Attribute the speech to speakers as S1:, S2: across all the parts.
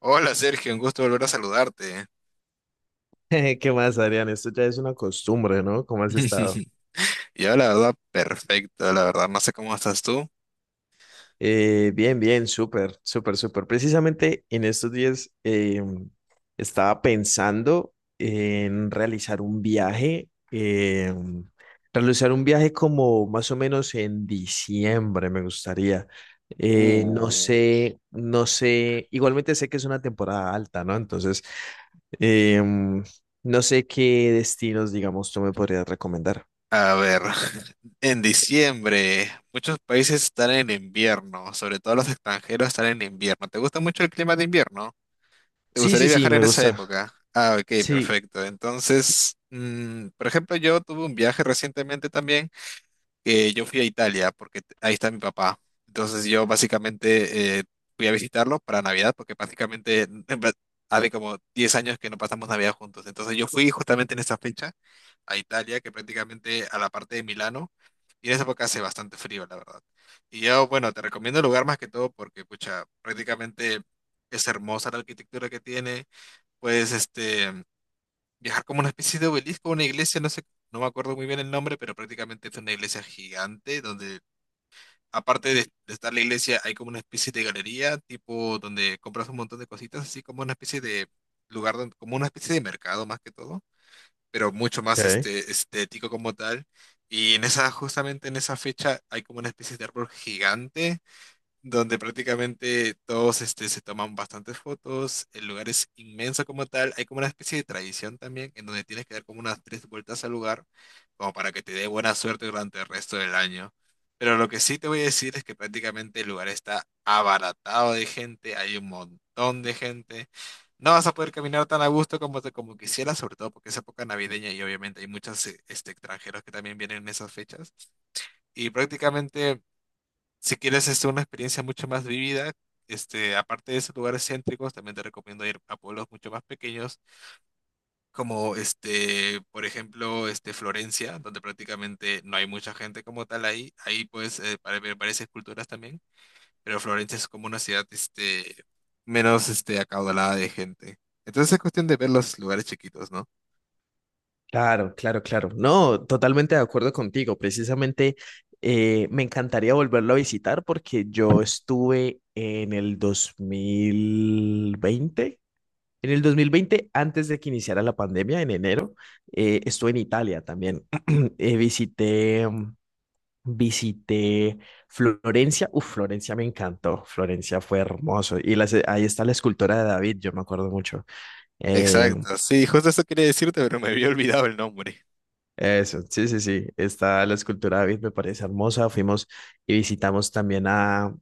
S1: Hola Sergio, un gusto volver a saludarte.
S2: ¿Qué más, Adrián? Esto ya es una costumbre, ¿no? ¿Cómo has estado?
S1: Yo la verdad, perfecto, la verdad, no sé cómo estás tú.
S2: Bien, bien, súper, súper, súper. Precisamente en estos días estaba pensando en realizar un viaje como más o menos en diciembre, me gustaría. No
S1: Uh.
S2: sé, no sé, igualmente sé que es una temporada alta, ¿no? Entonces, em, no sé qué destinos, digamos, tú me podrías recomendar.
S1: A ver, en diciembre, muchos países están en invierno, sobre todo los extranjeros están en invierno. ¿Te gusta mucho el clima de invierno? ¿Te
S2: Sí,
S1: gustaría
S2: sí, sí,
S1: viajar
S2: me
S1: en esa
S2: gusta.
S1: época? Ah, ok,
S2: Sí.
S1: perfecto. Entonces, por ejemplo, yo tuve un viaje recientemente también, que yo fui a Italia porque ahí está mi papá. Entonces yo básicamente fui a visitarlo para Navidad porque prácticamente en verdad, hace como 10 años que no pasamos Navidad juntos. Entonces yo fui justamente en esa fecha a Italia, que prácticamente a la parte de Milano. Y en esa época hace bastante frío, la verdad. Y yo, bueno, te recomiendo el lugar más que todo porque, pucha, prácticamente es hermosa la arquitectura que tiene. Pues, viajar como una especie de obelisco, una iglesia, no sé, no me acuerdo muy bien el nombre, pero prácticamente es una iglesia gigante donde, aparte de estar la iglesia, hay como una especie de galería, tipo donde compras un montón de cositas, así como una especie de lugar, como una especie de mercado más que todo, pero mucho más
S2: Ok.
S1: estético como tal. Y justamente en esa fecha, hay como una especie de árbol gigante donde prácticamente todos se toman bastantes fotos, el lugar es inmenso como tal, hay como una especie de tradición también, en donde tienes que dar como unas 3 vueltas al lugar, como para que te dé buena suerte durante el resto del año. Pero lo que sí te voy a decir es que prácticamente el lugar está abaratado de gente, hay un montón de gente. No vas a poder caminar tan a gusto como quisieras, sobre todo porque es época navideña y obviamente hay muchos extranjeros que también vienen en esas fechas. Y prácticamente si quieres una experiencia mucho más vivida, aparte de esos lugares céntricos, también te recomiendo ir a pueblos mucho más pequeños, como por ejemplo, Florencia, donde prácticamente no hay mucha gente como tal ahí. Ahí puedes para ver varias esculturas también, pero Florencia es como una ciudad menos acaudalada de gente. Entonces es cuestión de ver los lugares chiquitos, ¿no?
S2: Claro, claro, claro. No, totalmente de acuerdo contigo. Precisamente me encantaría volverlo a visitar porque yo estuve en el 2020, en el 2020, antes de que iniciara la pandemia, en enero, estuve en Italia también. Eh, visité, mm, visité Florencia. Uf, Florencia me encantó. Florencia fue hermoso. Ahí está la escultura de David, yo me acuerdo mucho. Eh,
S1: Exacto, sí, justo eso quería decirte, pero me había olvidado el nombre.
S2: Eso, sí, sí, sí. Está la escultura de David, me parece hermosa. Fuimos y visitamos también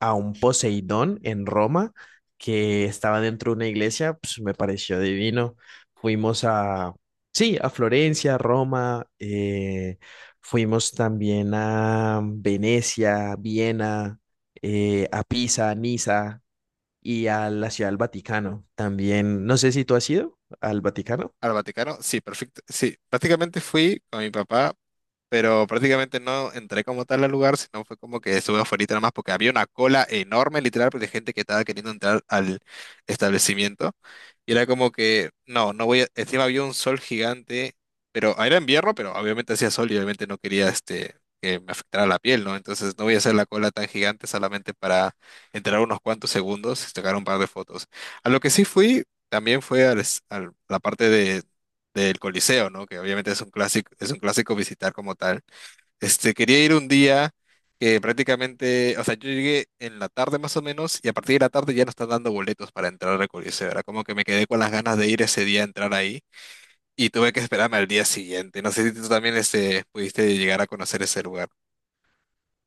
S2: a un Poseidón en Roma que estaba dentro de una iglesia, pues me pareció divino. Fuimos a, sí, a Florencia, Roma, fuimos también a Venecia, Viena, a Pisa, Niza y a la Ciudad del Vaticano. También, no sé si tú has ido al Vaticano.
S1: Al Vaticano, sí, perfecto. Sí, prácticamente fui con mi papá pero prácticamente no entré como tal al lugar, sino fue como que estuve afuera nada más porque había una cola enorme, literal, pues, de gente que estaba queriendo entrar al establecimiento. Y era como que, no, no voy a... Encima había un sol gigante, pero ah, era invierno, pero obviamente hacía sol y obviamente no quería que me afectara la piel, ¿no? Entonces no voy a hacer la cola tan gigante solamente para entrar unos cuantos segundos y sacar un par de fotos. A lo que sí fui, también fue al a la parte del Coliseo, ¿no? Que obviamente es un clásico visitar como tal. Quería ir un día que prácticamente, o sea, yo llegué en la tarde más o menos y a partir de la tarde ya no están dando boletos para entrar al Coliseo. Era como que me quedé con las ganas de ir ese día a entrar ahí y tuve que esperarme al día siguiente. No sé si tú también pudiste llegar a conocer ese lugar.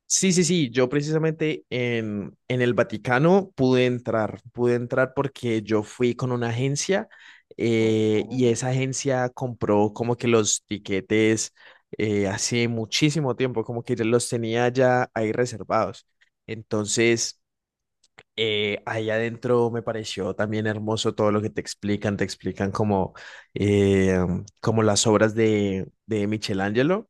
S2: Sí, sí, sí, yo precisamente en el Vaticano pude entrar porque yo fui con una agencia,
S1: Oh,
S2: y
S1: oh.
S2: esa agencia compró como que los tiquetes hace muchísimo tiempo, como que ya los tenía ya ahí reservados. Entonces, ahí adentro me pareció también hermoso todo lo que te explican como, eh, como las obras de Michelangelo,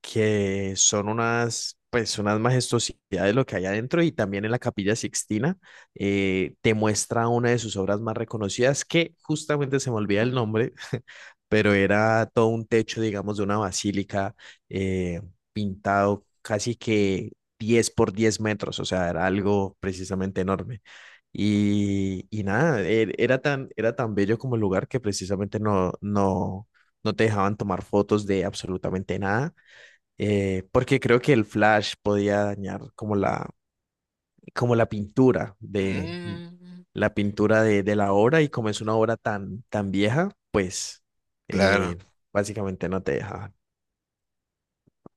S2: que son unas, pues, unas majestuosidades lo que hay adentro y también en la Capilla Sixtina, te muestra una de sus obras más reconocidas que justamente se me olvida el nombre, pero era todo un techo, digamos, de una basílica eh, pintado casi que 10 por 10 metros, o sea, era algo precisamente enorme. Y nada, era tan bello como el lugar que precisamente no te dejaban tomar fotos de absolutamente nada, porque creo que el flash podía dañar como como la pintura de
S1: Mm,
S2: la pintura de la obra y como es una obra tan, tan vieja, pues
S1: claro.
S2: eh, básicamente no te dejaban.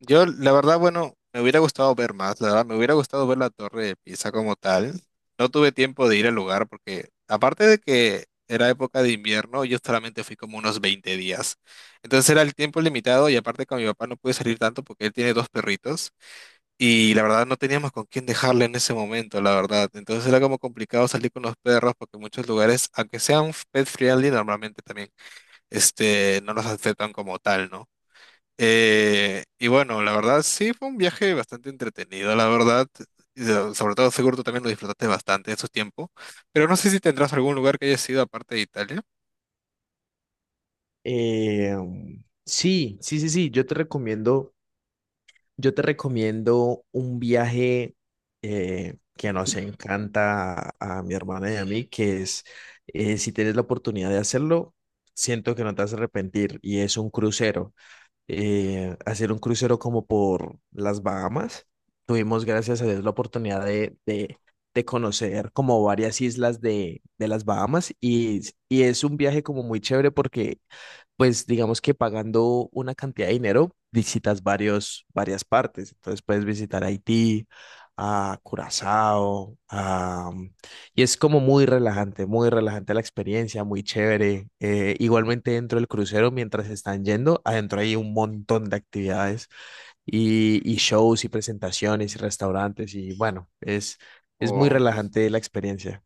S1: Yo, la verdad, bueno, me hubiera gustado ver más, la verdad, me hubiera gustado ver la Torre de Pisa como tal. No tuve tiempo de ir al lugar porque, aparte de que era época de invierno, yo solamente fui como unos 20 días. Entonces era el tiempo limitado y aparte con mi papá no pude salir tanto porque él tiene dos perritos y la verdad no teníamos con quién dejarle en ese momento, la verdad. Entonces era como complicado salir con los perros porque muchos lugares, aunque sean pet friendly, normalmente también, no los aceptan como tal, ¿no? Y bueno, la verdad sí fue un viaje bastante entretenido, la verdad. Y sobre todo seguro tú también lo disfrutaste bastante en su tiempo. Pero no sé si tendrás algún lugar que hayas ido aparte de Italia.
S2: Eh, sí, sí, sí, sí, yo te recomiendo un viaje, que nos encanta a mi hermana y a mí, si tienes la oportunidad de hacerlo, siento que no te vas a arrepentir, y es un crucero. Hacer un crucero como por las Bahamas. Tuvimos, gracias a Dios, la oportunidad de conocer como varias islas de las Bahamas, y es un viaje como muy chévere porque pues digamos que pagando una cantidad de dinero visitas varias partes. Entonces puedes visitar Haití, a Curazao, y es como muy relajante la experiencia, muy chévere. Igualmente dentro del crucero, mientras están yendo, adentro hay un montón de actividades y shows y presentaciones y restaurantes y bueno, es muy
S1: O,
S2: relajante la experiencia.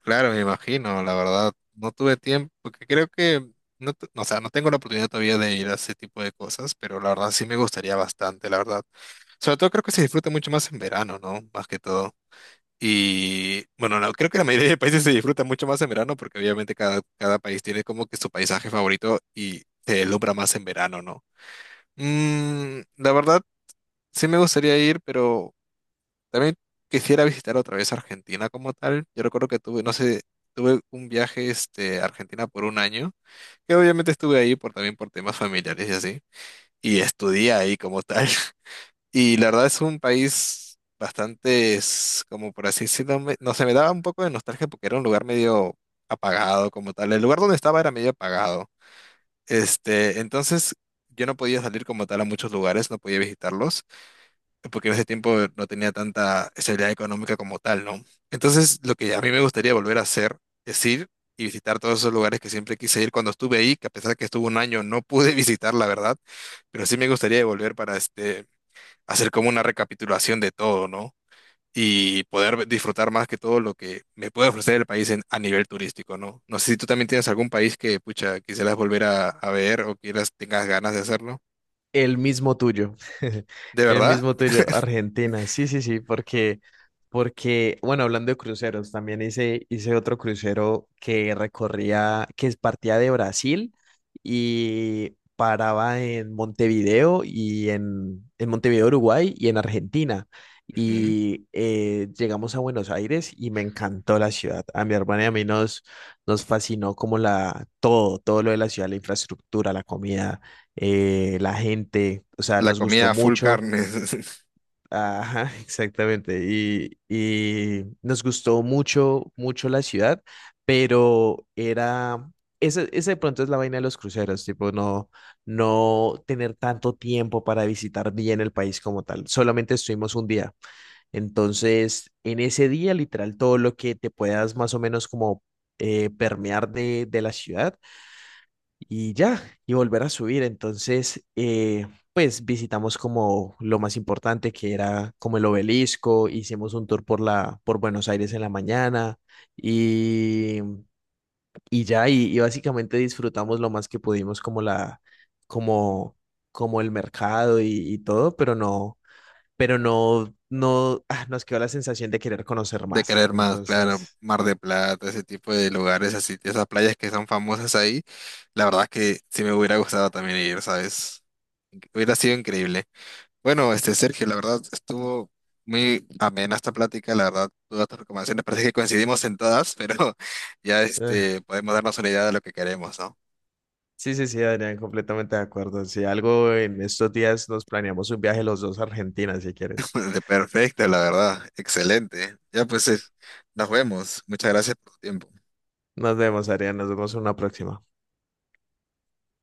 S1: claro, me imagino, la verdad. No tuve tiempo, porque creo que, no, o sea, no tengo la oportunidad todavía de ir a ese tipo de cosas, pero la verdad sí me gustaría bastante, la verdad. Sobre todo creo que se disfruta mucho más en verano, ¿no? Más que todo. Y bueno, no, creo que la mayoría de países se disfruta mucho más en verano porque obviamente cada país tiene como que su paisaje favorito y se deslumbra más en verano, ¿no? La verdad, sí me gustaría ir, pero también quisiera visitar otra vez Argentina como tal. Yo recuerdo que tuve, no sé, tuve un viaje a Argentina por un año, que obviamente estuve ahí por, también por temas familiares y así, y estudié ahí como tal. Y la verdad es un país bastante, es como por así decirlo, no sé, me daba un poco de nostalgia porque era un lugar medio apagado como tal. El lugar donde estaba era medio apagado. Entonces yo no podía salir como tal a muchos lugares, no podía visitarlos, porque en ese tiempo no tenía tanta estabilidad económica como tal, ¿no? Entonces lo que a mí me gustaría volver a hacer es ir y visitar todos esos lugares que siempre quise ir cuando estuve ahí, que a pesar que estuve un año no pude visitar, la verdad, pero sí me gustaría volver para hacer como una recapitulación de todo, ¿no? Y poder disfrutar más que todo lo que me puede ofrecer el país a nivel turístico, ¿no? No sé si tú también tienes algún país que, pucha, quisieras volver a ver o quieras, tengas ganas de hacerlo.
S2: El mismo tuyo,
S1: ¿De
S2: el
S1: verdad?
S2: mismo tuyo, Argentina, sí, sí, sí, porque, porque, bueno, hablando de cruceros, también hice otro crucero que recorría, partía de Brasil y paraba en Montevideo y en Montevideo, Uruguay y en Argentina.
S1: Ujú.
S2: Y llegamos a Buenos Aires y me encantó la ciudad. A mi hermana y a mí nos fascinó como la, todo, todo lo de la ciudad, la infraestructura, la comida, la gente, o sea,
S1: La
S2: nos gustó
S1: comida full
S2: mucho.
S1: carne,
S2: Ajá, exactamente. Y nos gustó mucho, mucho la ciudad, pero era, ese de pronto es la vaina de los cruceros, tipo, no, no tener tanto tiempo para visitar bien el país como tal. Solamente estuvimos un día. Entonces, en ese día, literal, todo lo que te puedas más o menos como permear de la ciudad y ya, y volver a subir. Entonces, pues visitamos como lo más importante que era como el obelisco, hicimos un tour por por Buenos Aires en la mañana y, y ya, y básicamente disfrutamos lo más que pudimos como como, como el mercado y todo, pero no, no, ah, nos quedó la sensación de querer conocer
S1: de
S2: más.
S1: querer más, claro, Mar de Plata, ese tipo de lugares así, esas playas que son famosas ahí, la verdad es que sí me hubiera gustado también ir, ¿sabes? Hubiera sido increíble. Bueno, Sergio, la verdad estuvo muy amena esta plática, la verdad, todas tus recomendaciones parece que coincidimos en todas, pero ya
S2: Eh.
S1: podemos darnos una idea de lo que queremos, ¿no?
S2: Sí, sí, sí, Adrián, completamente de acuerdo. Si algo en estos días nos planeamos un viaje los dos a Argentina, si quieres.
S1: De perfecto, la verdad, excelente. Ya pues, nos vemos. Muchas gracias por tu tiempo.
S2: Nos vemos, Adrián, nos vemos en una próxima.